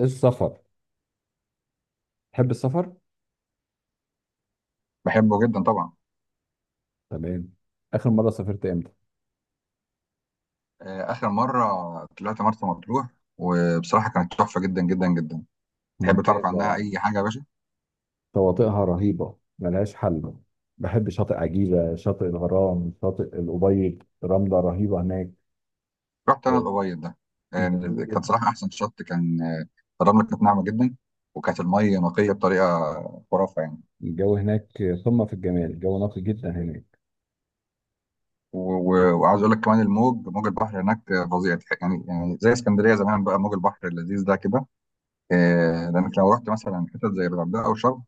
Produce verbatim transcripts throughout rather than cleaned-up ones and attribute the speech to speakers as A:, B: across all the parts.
A: السفر. تحب السفر؟
B: بحبه جدا طبعا.
A: تمام. آخر مرة سافرت إمتى؟
B: آه، آخر مرة طلعت مرسى مطروح، وبصراحة كانت تحفة جدا جدا جدا. تحب تعرف عنها
A: ممتازة.
B: أي حاجة يا باشا؟
A: شواطئها رهيبة، ملهاش حل. بحب شاطئ عجيبة، شاطئ الغرام، شاطئ الأبيض. رملة رهيبة هناك.
B: رحت أنا
A: آه،
B: الأبيض ده. آه،
A: جميل
B: كانت
A: جدا.
B: صراحة أحسن شط كان. آه، الرملة كانت ناعمة جدا، وكانت المية نقية بطريقة خرافة يعني.
A: الجو هناك قمة في الجمال، الجو نقي جدا هناك.
B: و- و- وعاوز أقول لك كمان الموج، موج البحر هناك آه، فظيع. تح- يعني يعني زي اسكندرية زمان بقى، موج البحر اللذيذ ده كده. آه، لأنك لو رحت مثلا حتت زي الغردقة أو شرم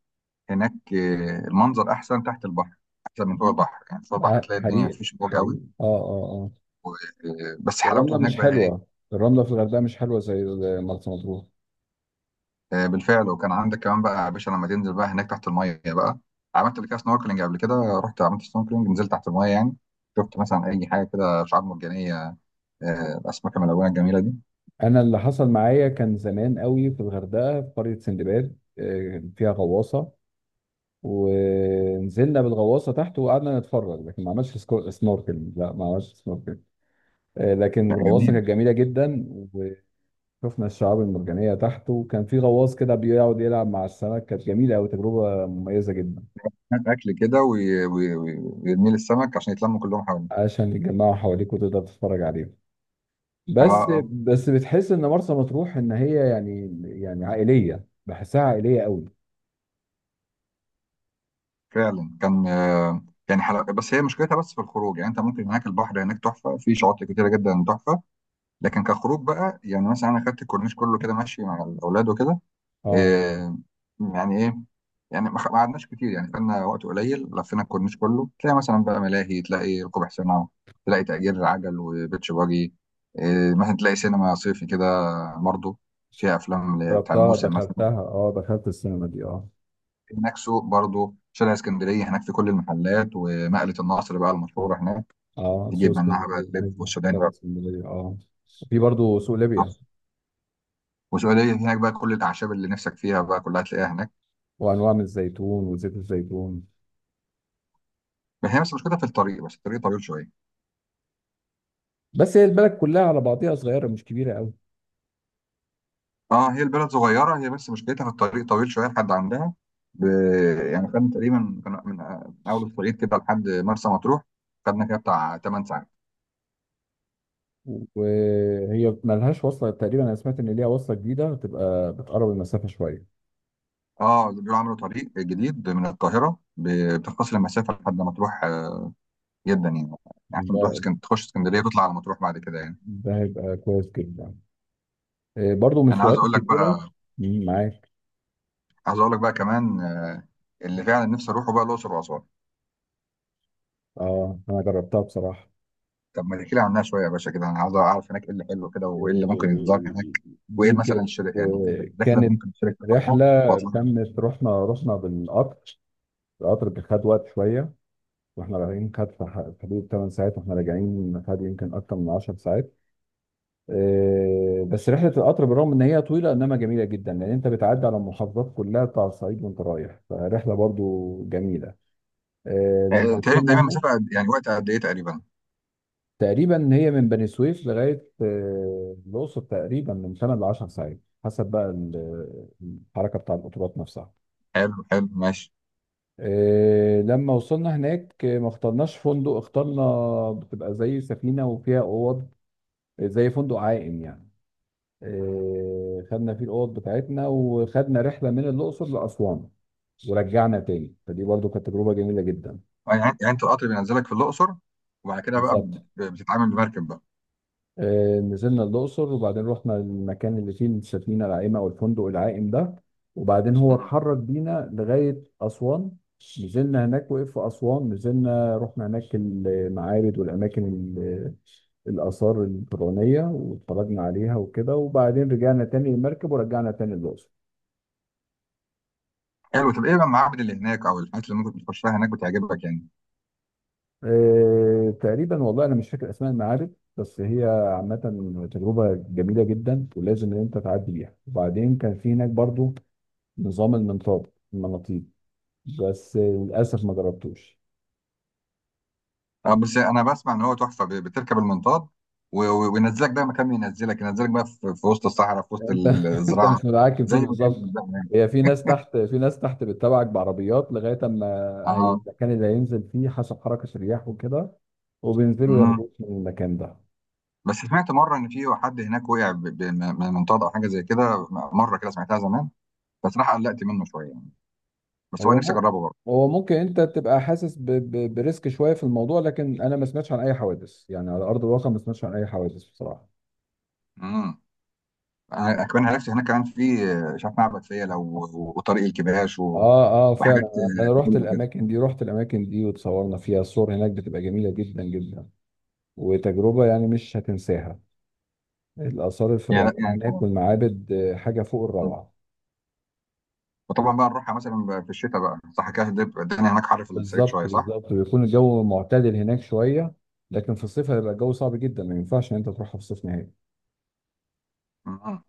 B: هناك، آه، المنظر أحسن تحت البحر، أحسن من فوق البحر. يعني فوق البحر
A: آه،
B: تلاقي الدنيا
A: حقيقي
B: مفيش موج قوي.
A: حقيقي، آه آه آه.
B: آه، بس حلاوته
A: والرملة
B: هناك
A: مش
B: بقى
A: حلوة،
B: ايه.
A: الرملة في الغردقة مش حلوة زي مرسى مطروح.
B: آه، بالفعل، وكان عندك كمان بقى يا باشا لما تنزل بقى هناك تحت الميه بقى، عملت قبل كده سنوركلينج قبل كده، رحت عملت سنوركلينج، نزلت تحت الميه يعني، شفت مثلا اي حاجه كده شعاب مرجانيه، آه، الاسماك الملونه الجميله دي.
A: أنا اللي حصل معايا كان زمان قوي في الغردقة في قرية سندباد، آه، فيها غواصة. ونزلنا بالغواصه تحت وقعدنا نتفرج، لكن ما عملش سكو- سنوركلينج، لا ما عملش سنوركلينج. آه، لكن
B: لا،
A: الغواصه
B: جميل.
A: كانت جميله جدا. وشفنا الشعاب المرجانيه تحت، وكان في غواص كده بيقعد يلعب مع السمك، كانت جميله قوي، تجربه مميزه جدا.
B: هات اكل كده وي- وي- وي- ويرمي لي السمك عشان يتلموا كلهم حواليه.
A: عشان يتجمعوا حواليك وتقدر تتفرج عليهم.
B: اه
A: بس
B: اه.
A: بس بتحس ان مرسى مطروح ان هي يعني يعني عائليه، بحسها عائليه قوي.
B: فعلا كان آه، يعني حلو، بس هي مشكلتها بس في الخروج. يعني انت ممكن هناك البحر هناك تحفه، في شواطئ كتيره جدا تحفه، لكن كخروج بقى، يعني مثلا انا خدت الكورنيش كله كده ماشي مع الاولاد وكده.
A: اه،
B: آه، يعني ايه؟ يعني ما خ- ما قعدناش كتير يعني، خدنا وقت قليل لفينا الكورنيش كله، تلاقي مثلا بقى ملاهي، تلاقي ركوب حصانه، تلاقي تأجير عجل وبيتش باجي، آه، مثلا تلاقي سينما صيفي كده برضه فيها افلام ل- بتاع
A: جربتها،
B: الموسم مثلا.
A: دخلتها. اه، دخلت السينما دي. اه.
B: هناك سوق برضه، شارع اسكندريه هناك في كل المحلات، ومقله النصر بقى المشهوره هناك،
A: اه، سوق
B: تجيب منها بقى
A: اسكندريه،
B: اللب
A: ايوه
B: والسوداني
A: شارع
B: بقى،
A: اسكندريه. اه. في برضه سوق ليبيا.
B: والسعوديه هناك بقى كل الاعشاب اللي نفسك فيها بقى كلها تلاقيها هناك.
A: وانواع من الزيتون وزيت الزيتون.
B: بس هي بس مشكلتها في الطريق، بس الطريق طويل شويه.
A: بس هي البلد كلها على بعضيها صغيره، مش كبيره قوي.
B: اه، هي البلد صغيره، هي بس مشكلتها في الطريق طويل شويه لحد عندها. ب... يعني خدنا تقريبا كان من اول الطريق كده لحد مرسى مطروح، خدنا كده بتاع 8 ساعات.
A: وهي ملهاش وصله تقريبا، انا سمعت ان ليها وصله جديده هتبقى بتقرب المسافه شويه.
B: اه، بيقولوا عملوا طريق جديد من القاهره ب... بتختصر المسافه لحد مطروح آه، جدا. يعني يعني عشان تروح
A: ده
B: اسكن... تخش اسكندريه وتطلع على مطروح بعد كده يعني.
A: ده هيبقى كويس جدا. آه، برضه من
B: انا عايز
A: الفروقات
B: اقول لك
A: الكبيره.
B: بقى،
A: مم، معاك.
B: عايز اقول لك بقى كمان آه، اللي فعلا نفسي اروحه بقى الاقصر واسوان.
A: اه، انا جربتها بصراحه.
B: طب ما تحكي لي عنها شويه يا باشا كده، انا عاوز اعرف هناك ايه اللي حلو كده، وايه اللي ممكن يتزار
A: آه،
B: هناك، وايه
A: دي
B: مثلا
A: كانت.
B: الشركه يعني، إيه
A: آه،
B: الرحله اللي
A: كانت
B: ممكن الشركه تطلعها
A: رحله
B: واطلع منها؟
A: تمت. رحنا رحنا بالقطر. القطر كان خد وقت شويه. واحنا راجعين خد في ح- في حدود 8 ساعات، واحنا راجعين خد يمكن اكتر من 10 ساعات. آه، بس رحله القطر بالرغم ان هي طويله انما جميله جدا، لان انت بتعدي على المحافظات كلها بتاع الصعيد وانت رايح، فرحله برضو جميله. آه،
B: آه،
A: لما
B: تقريبا
A: وصلنا
B: تقريبا
A: هناك.
B: مسافه قد- يعني وقت قد ايه تقريبا؟
A: تقريبا هي من بني سويف لغايه آه، الاقصر، تقريبا من تمن ل عشرة ساعات حسب بقى ال- الحركه بتاع القطارات نفسها.
B: حلو حلو ماشي.
A: آه، لما وصلنا هناك، آه، ما اخترناش فندق، اخترنا بتبقى زي سفينة وفيها أوض. آه، زي فندق عائم يعني. آه، خدنا فيه الأوض بتاعتنا وخدنا رحلة من الأقصر لأسوان. ورجعنا تاني، فدي برضو كانت تجربة جميلة جدا.
B: يعني يعني انت القطر بينزلك في الاقصر، وبعد كده بقى بت-
A: بالظبط.
B: بتتعامل بمركب بقى.
A: آه، نزلنا الأقصر وبعدين رحنا المكان اللي فيه السفينة العائمة أو الفندق العائم ده. وبعدين هو
B: مم.
A: اتحرك بينا لغاية أسوان. نزلنا هناك، وقف في أسوان، نزلنا رحنا هناك المعابد والأماكن، ال- الآثار الفرعونية، واتفرجنا عليها وكده، وبعدين رجعنا تاني المركب ورجعنا تاني الأقصر.
B: حلو. طب ايه بقى المعابد اللي هناك او الحاجات اللي ممكن تخشها هناك بتعجبك يعني؟
A: آه، تقريبا والله أنا مش فاكر أسماء المعابد، بس هي عامة تجربة جميلة جدا، ولازم إن أنت تعدي بيها. وبعدين كان في هناك برضو نظام المنطاد، المناطيد. بس للاسف ما جربتوش.
B: اه بس انا بسمع ان هو تحفه، ب- بتركب المنطاد و- و- وينزلك بقى مكان ما ينزلك، ينزلك بقى في في وسط الصحراء في وسط
A: انت انت
B: الزراعه.
A: مش متحكم
B: زي
A: فيه
B: ما كان
A: بالظبط.
B: بالظبط يعني.
A: هي في ناس تحت في ناس تحت بتتابعك بعربيات لغايه اما هي-
B: اه.
A: المكان اللي هينزل فيه حسب حركه الرياح وكده، وبينزلوا
B: مم.
A: ياخدوك من المكان ده.
B: بس سمعت مره ان في حد هناك وقع ب- ب- من من منطاد او حاجه زي كده، مره كده سمعتها زمان، بس راح قلقت منه شويه يعني. بس هو
A: هو
B: نفسي
A: مو-
B: اجربه برضه.
A: هو ممكن انت تبقى حاسس ب... ب... بريسك شويه في الموضوع، لكن انا ما سمعتش عن اي حوادث يعني على ارض الواقع، ما سمعتش عن اي حوادث بصراحه.
B: امم. انا كمان عرفت هناك كمان في آه، مش عارف معبد فيلة و- وطريق الكباش و...
A: اه اه،
B: وحاجات
A: فعلا.
B: آه،
A: انا رحت
B: حلوه كده.
A: الاماكن دي رحت الاماكن دي وتصورنا فيها، الصور هناك بتبقى جميله جدا جدا. وتجربة يعني مش هتنساها. الآثار
B: يعني لا
A: الفرعونية
B: يعني
A: هناك
B: آه.
A: والمعابد، آه، حاجة فوق
B: مم.
A: الروعة.
B: وطبعا بقى نروحها مثلا ب- في الشتاء بقى صح كده، هتبقى الدنيا هناك حر في الصعيد
A: بالظبط
B: شويه صح؟
A: بالظبط، بيكون الجو معتدل هناك شوية. لكن في الصيف هيبقى الجو صعب جدا، ما ينفعش إن أنت تروحها في الصيف نهائي.
B: مم.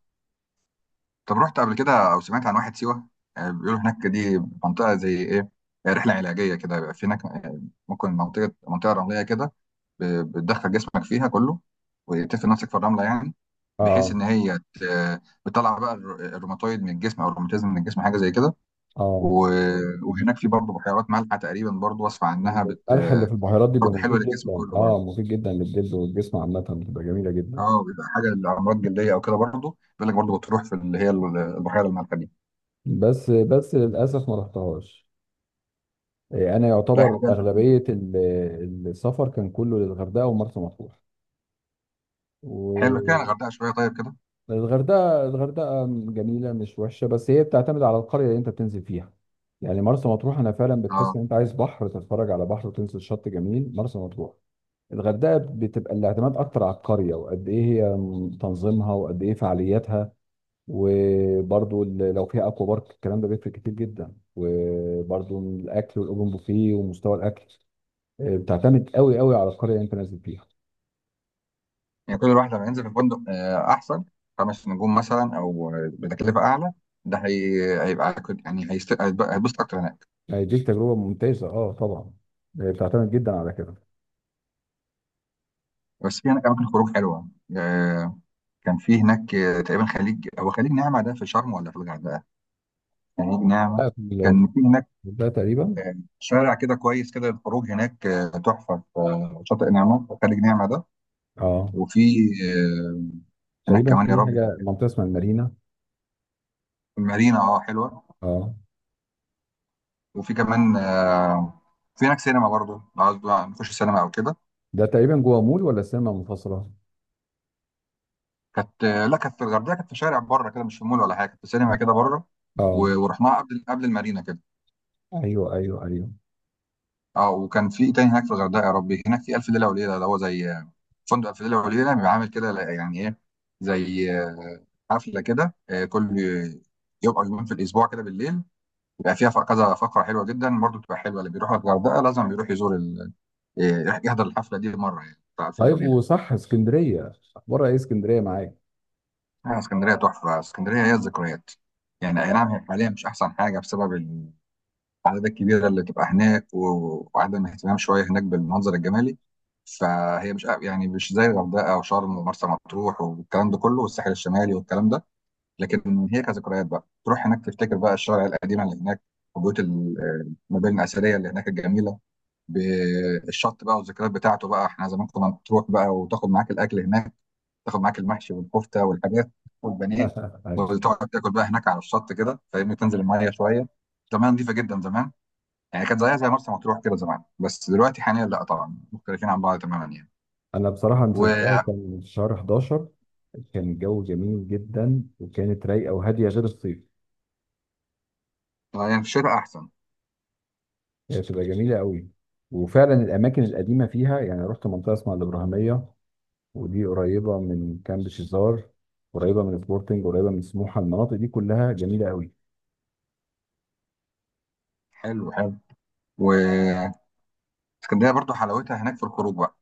B: طب رحت قبل كده او سمعت عن واحد سيوه؟ آه، بيقولوا هناك دي منطقه زي ايه، آه، رحله علاجيه كده، بيبقى في هناك آه، ممكن منطقه منطقه رمليه كده، ب- بتدخل جسمك فيها كله وتفرد نفسك في الرمله يعني، بحيث
A: اه
B: ان هي ت- بتطلع بقى الر- الروماتويد من الجسم او الروماتيزم من الجسم حاجه زي كده.
A: اه.
B: و- وهناك في برضه بحيرات مالحه تقريبا برضه، وصفه عنها بت.
A: القلح اللي في البحيرات دي بيبقى
B: برضه حلوه
A: مفيد
B: للجسم
A: جدا،
B: كله برضه.
A: اه، مفيد جدا للجلد والجسم عامة، بتبقى جميلة جدا.
B: اه، بيبقى حاجه لامراض جلديه او كده برضه، بيقول لك برضه بتروح في اللي هي ال- البحيره المالحه دي.
A: بس بس للأسف ما رحتهاش. آه، أنا
B: لا
A: يعتبر
B: احنا كده،
A: أغلبية ال- السفر كان كله للغردقة ومرسى مطروح.
B: حلو كده الغردقه شويه طيب كده.
A: الغردقة الغردقة جميلة مش وحشة، بس هي بتعتمد على القرية اللي انت بتنزل فيها. يعني مرسى مطروح، انا فعلا بتحس
B: اه.
A: ان انت عايز بحر، تتفرج على بحر وتنزل شط جميل، مرسى مطروح. الغردقة بتبقى الاعتماد اكتر على القرية وقد ايه هي تنظيمها وقد ايه فعالياتها. وبرضو ال- لو فيها اكوا بارك الكلام ده بيفرق كتير جدا، وبرضو الاكل والاوبن بوفيه ومستوى الاكل. آه، بتعتمد قوي قوي على القرية اللي انت نازل فيها.
B: يعني كل واحد لما ينزل في فندق آه، احسن، خمس نجوم مثلا، او بتكلفه اعلى، ده هي... هيبقى كت- يعني هيست- هيبقى- هيتبسط اكتر هناك.
A: يعني دي تجربة ممتازة، اه طبعا. آه، بتعتمد جدا على كده.
B: بس في هناك اماكن خروج حلوه. آه، كان في هناك آه، تقريبا خليج، هو خليج نعمه ده في شرم ولا في الغردقه؟ خليج نعمه،
A: لا، في.
B: كان في هناك
A: ده تقريبا.
B: آه، شارع كده كويس كده، الخروج هناك آه، تحفه في آه، شاطئ نعمه، في خليج نعمه ده.
A: اه
B: وفي آه، هناك
A: تقريبا
B: كمان يا
A: في
B: رب
A: حاجه منطقه اسمها المارينا.
B: المارينا، اه حلوه.
A: اه.
B: وفي كمان آه، في هناك سينما برضه لو عاوز بقى نخش سينما او كده.
A: ده تقريبا جوه مول ولا سينما منفصله؟
B: كانت، لا كانت في الغردقه، كانت في شارع بره كده، مش في مول ولا حاجه، كانت في سينما كده بره.
A: اه،
B: و- ورحناها قبل، قبل المارينا كده.
A: ايوه ايوه ايوه.
B: اه. وكان في ايه تاني هناك في الغردقه يا ربي؟ هناك في الف ليله وليله، اللي هو زي فندق الف ليله وليله بيبقى عامل كده، يعني ايه، زي حفله كده آه، كل يوم او يومين في الاسبوع كده بالليل، بيبقى فيها كذا فقره حلوه جدا، برضو بتبقى حلوه، اللي بيروح الغردقه لازم بيروح يزور ال... آه، يحضر الحفله دي مره يعني، بتاع الف ليله
A: طيب،
B: وليله دي.
A: وصح، اسكندريه اخبارها ايه؟ اسكندريه معاك.
B: آه، اسكندريه تحفه. اسكندريه هي الذكريات. يعني اي نعم،
A: اه.
B: هي حاليا مش احسن حاجه بسبب العدد الكبيرة اللي تبقى هناك، و- وعدم اهتمام شوية هناك بالمنظر الجمالي، فهي مش يعني مش زي الغردقة وشرم ومرسى مطروح والكلام ده كله، والساحل الشمالي والكلام ده. لكن هي كذكريات بقى، تروح هناك تفتكر بقى الشوارع القديمة اللي هناك، وبيوت ال- المباني الأثرية اللي هناك الجميلة، بالشط بقى والذكريات بتاعته بقى. احنا زمان كنا تروح بقى وتاخد معاك الأكل هناك، تاخد معاك المحشي والكفتة والحاجات والبانيه،
A: أيوة.
B: وتقعد تاكل بقى هناك على الشط كده فاهمني، تنزل المية شوية. زمان نظيفة جدا زمان، يعني كانت زيها زي مرسى مطروح كده زمان، بس دلوقتي حاليا لا طبعا، مختلفين عن بعض تماما يعني.
A: انا بصراحه
B: و
A: نزلتها،
B: يعني،
A: كان في شهر حداشر. كان الجو جميل جدا، وكانت رايقه وهاديه غير الصيف.
B: في الشتاء احسن.
A: هي بتبقى جميله قوي. وفعلا الاماكن القديمه فيها، يعني رحت منطقه اسمها الابراهيميه، ودي قريبه من كامب شيزار، قريبه من سبورتنج، قريبه من سموحه، المناطق دي كلها جميله قوي.
B: حلو حلو. واسكندريه برضو حلاوتها هناك في الخروج بقى،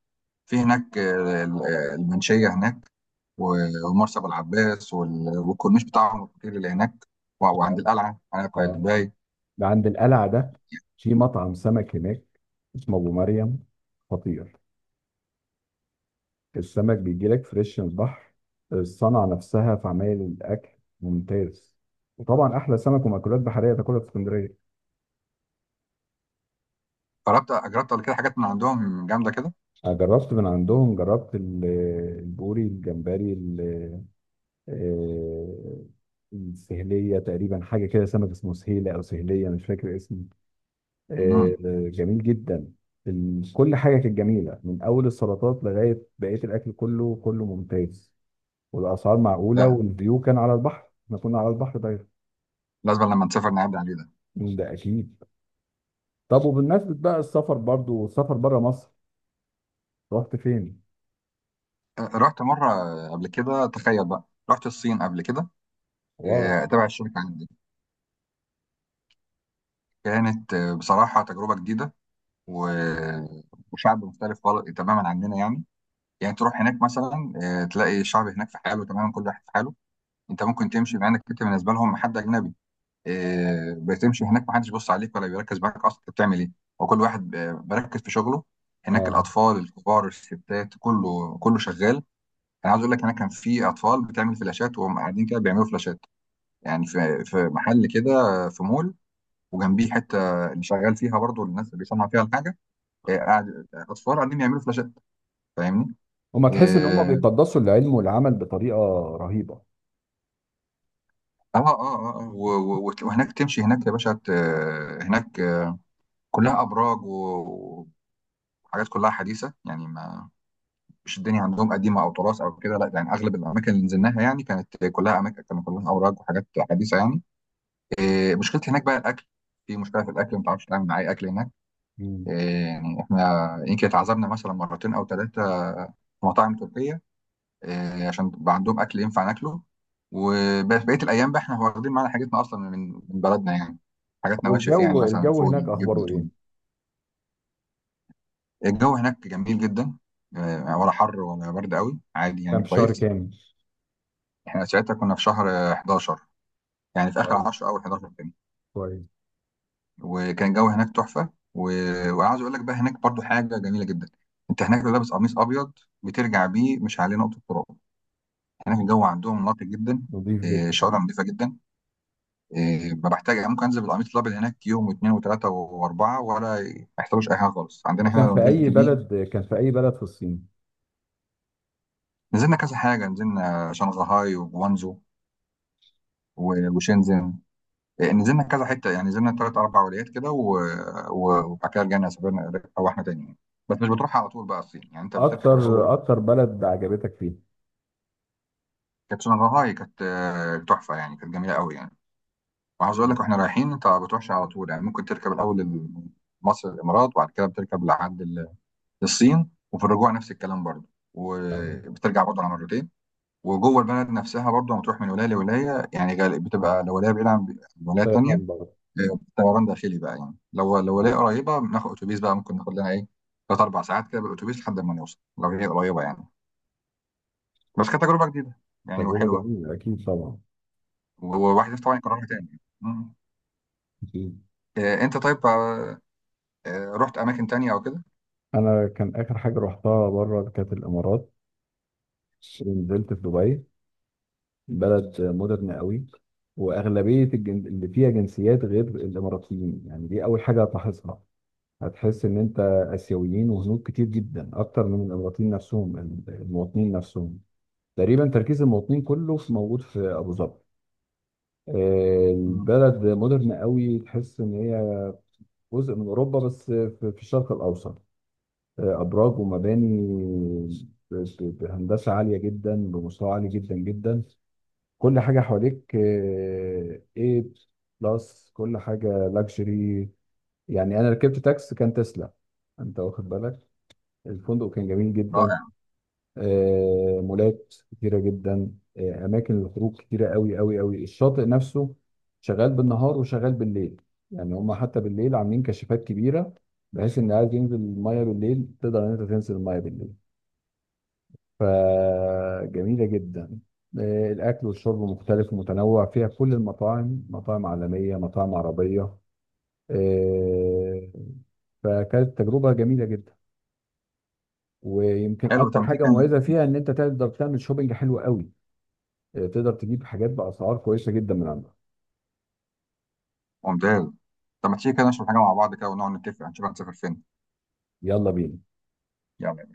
B: في هناك آه، ال- آه، المنشيه هناك و- ومرسى ابو العباس وال- والكورنيش بتاعهم الكتير اللي هناك، و- وعند القلعه على
A: اه،
B: قايتباي.
A: ده عند القلعه ده، في مطعم سمك هناك اسمه ابو مريم، خطير. السمك بيجي لك فريش من البحر، الصنعه نفسها في عمايل الاكل ممتاز. وطبعا احلى سمك ومأكولات بحريه تاكلها في اسكندريه.
B: جربت، جربت قبل كده حاجات من عندهم جامده كده.
A: أنا جربت من عندهم، جربت ال- البوري، الجمبري، آه، سهلية، تقريبا حاجة كده سمك اسمه سهيلة أو سهلية، مش فاكر اسمه.
B: امم.
A: آه، آه، جميل جدا. ال- كل حاجة كانت جميلة من أول السلطات لغاية بقية الأكل، كله كله ممتاز. والأسعار معقولة،
B: لا،
A: والفيو كان على البحر، احنا كنا على البحر دايما.
B: لازم لما نسافر نعدي عليه ده.
A: ده أكيد. طب وبالنسبة بقى السفر، برضو السفر بره مصر، رحت فين؟
B: آه، رحت مره قبل كده تخيل بقى، رحت الصين قبل كده
A: واو.
B: آه، تبع الشركه عندي. كانت آه، بصراحة تجربة جديدة، و... وشعب مختلف خالص تماما عننا يعني. يعني تروح هناك مثلا آه، تلاقي الشعب هناك في حاله تماما، كل واحد في حاله، انت ممكن تمشي مع انك انت بالنسبة لهم حد أجنبي، آه، بتمشي هناك محدش بيبص عليك ولا بيركز معاك أصلا انت بتعمل إيه، وكل واحد آه، بركز في شغله. هناك
A: اه.
B: الأطفال، الكبار، الستات، كله كله شغال. أنا عايز أقول لك هناك كان في أطفال بتعمل فلاشات، وهم قاعدين كده بيعملوا فلاشات، يعني في في محل كده آه، في مول، وجنبيه حته اللي شغال فيها برضو الناس اللي بيصنع فيها الحاجه، آه، قاعد، آه، اطفال قاعدين يعملوا فلاشات، فاهمني؟
A: هما تحس إن هما
B: اه
A: بيقدسوا العلم والعمل بطريقة رهيبة.
B: اه اه, آه. آه، و- و- وت- وهناك تمشي هناك يا باشا ت- هناك آه، كلها ابراج و- وحاجات كلها حديثه يعني، ما مش الدنيا عندهم قديمه او تراث او كده لا، يعني اغلب الاماكن اللي نزلناها يعني كانت كلها اماكن، كانت كلها اوراق وحاجات حديثه يعني. آه، مشكلتي هناك بقى الاكل، في مشكله في الاكل، ما تعرفش تعمل معايا اكل هناك. آه،
A: مم.
B: يعني احنا يمكن اتعذبنا مثلا مرتين او ثلاثه في مطاعم تركيه، آه، عشان بقى عندهم اكل ينفع ناكله، وبقيه الايام بقى احنا واخدين معانا حاجتنا اصلا من من بلدنا يعني، حاجات نواشف يعني،
A: والجو
B: مثلا
A: الجو
B: فوق
A: هناك
B: الجبنه
A: أخباره إيه؟
B: تونه. الجو هناك جميل جدا، آه، ولا حر ولا برد قوي، عادي
A: كان
B: يعني
A: في شهر
B: كويس.
A: كامل؟
B: احنا ساعتها كنا في شهر آه، حداشر، يعني في اخر
A: كويس.
B: عشرة او حداشر كده.
A: كويس.
B: وكان الجو هناك تحفه و... وعاوز اقول لك بقى هناك برضو حاجه جميله جدا. انت هناك لو لابس قميص ابيض بترجع بيه مش عليه نقطه تراب، هناك الجو عندهم نقي جدا،
A: نظيف
B: آه،
A: جدا.
B: شوارع نظيفه جدا. إيه، بحتاج ممكن انزل بالقميص الابيض هناك يوم واثنين وثلاثه واربعه ولا ما يحتاجوش اي حاجه خالص، عندنا هنا
A: كان
B: لو
A: في
B: نزلت
A: اي
B: بيه.
A: بلد كان في اي بلد في الصين؟
B: نزلنا كذا حاجه، نزلنا شنغهاي وجوانزو و- وشنزن. إيه، نزلنا كذا حته يعني، نزلنا ثلاث اربع ولايات كده، و- و- وبعد كده رجعنا سافرنا او احنا تاني يعني. بس مش بتروح على طول بقى الصين، يعني انت بتركب الاول.
A: اكتر اكتر بلد عجبتك فيها؟
B: كانت شنغهاي كانت آه، تحفه يعني، كانت جميله قوي يعني. وعاوز اقول لك، واحنا رايحين انت ما بتروحش على طول يعني، ممكن تركب الاول مصر الامارات، وبعد كده بتركب لحد للصين، وفي الرجوع نفس الكلام برضه،
A: أيوة.
B: وبترجع برضه على مرتين. وجوه البلد نفسها برضه لما تروح من ولايه لولايه يعني، غال- بتبقى لو ولايه بعيده عن الولايه التانيه،
A: طيران برضه؟
B: آه، طيران داخلي بقى يعني، لو لو ولايه قريبه بناخد اتوبيس بقى، ممكن ناخد لنا ايه ثلاث اربع ساعات كده بالاتوبيس لحد ما نوصل لو هي قريبه يعني. بس كانت تجربه جديده يعني
A: تجربة
B: وحلوه،
A: جميلة أكيد طبعا.
B: وواحد نفسه طبعا يكررها تاني يعني. مم.
A: أكيد.
B: آه، انت طيب آه، آه، رحت اماكن تانيه او كده؟
A: أنا كان آخر حاجة رحتها بره كانت الإمارات، نزلت في دبي. بلد مودرن قوي. وأغلبية الجن... اللي فيها جنسيات غير الإماراتيين، يعني دي أول حاجة هتلاحظها، هتحس إن أنت آسيويين وهنود كتير جدا، أكتر من الإماراتيين نفسهم، المواطنين نفسهم. تقريبا تركيز المواطنين كله في موجود في ابو ظبي. آه،
B: مم.
A: البلد مودرن قوي، تحس ان هي جزء من اوروبا بس في في الشرق الاوسط. آه، ابراج ومباني ب- ب- بهندسه عاليه جدا، بمستوى عالي جدا جدا. كل حاجه حواليك ايه، بلس كل حاجه لاكجري. يعني انا ركبت تاكس كان تسلا، انت واخد بالك. الفندق كان جميل جدا.
B: رائع.
A: آه، مولات كتيرة جدا. آه، أماكن للخروج كتيرة قوي قوي قوي. الشاطئ نفسه شغال بالنهار وشغال بالليل، يعني هما حتى بالليل عاملين كشافات كبيرة، بحيث إن عايز ينزل المية بالليل تقدر إن أنت تنزل المية بالليل، فجميلة جدا. آه، الأكل والشرب مختلف ومتنوع فيها، كل المطاعم مطاعم عالمية، مطاعم عربية. آه، فكانت تجربة جميلة جدا. ويمكن
B: حلو
A: أكتر
B: طب ما تيجي
A: حاجة
B: كان.
A: مميزة فيها إن أنت تقدر تعمل شوبينج حلو قوي. آه، تقدر تجيب حاجات باسعار كويسه جدا من عندها.
B: ممتاز. طب ما تيجي كده نشرب حاجه مع بعض كده، ونقعد نتفق هنشوف هنسافر فين.
A: يلا بينا.
B: يلا.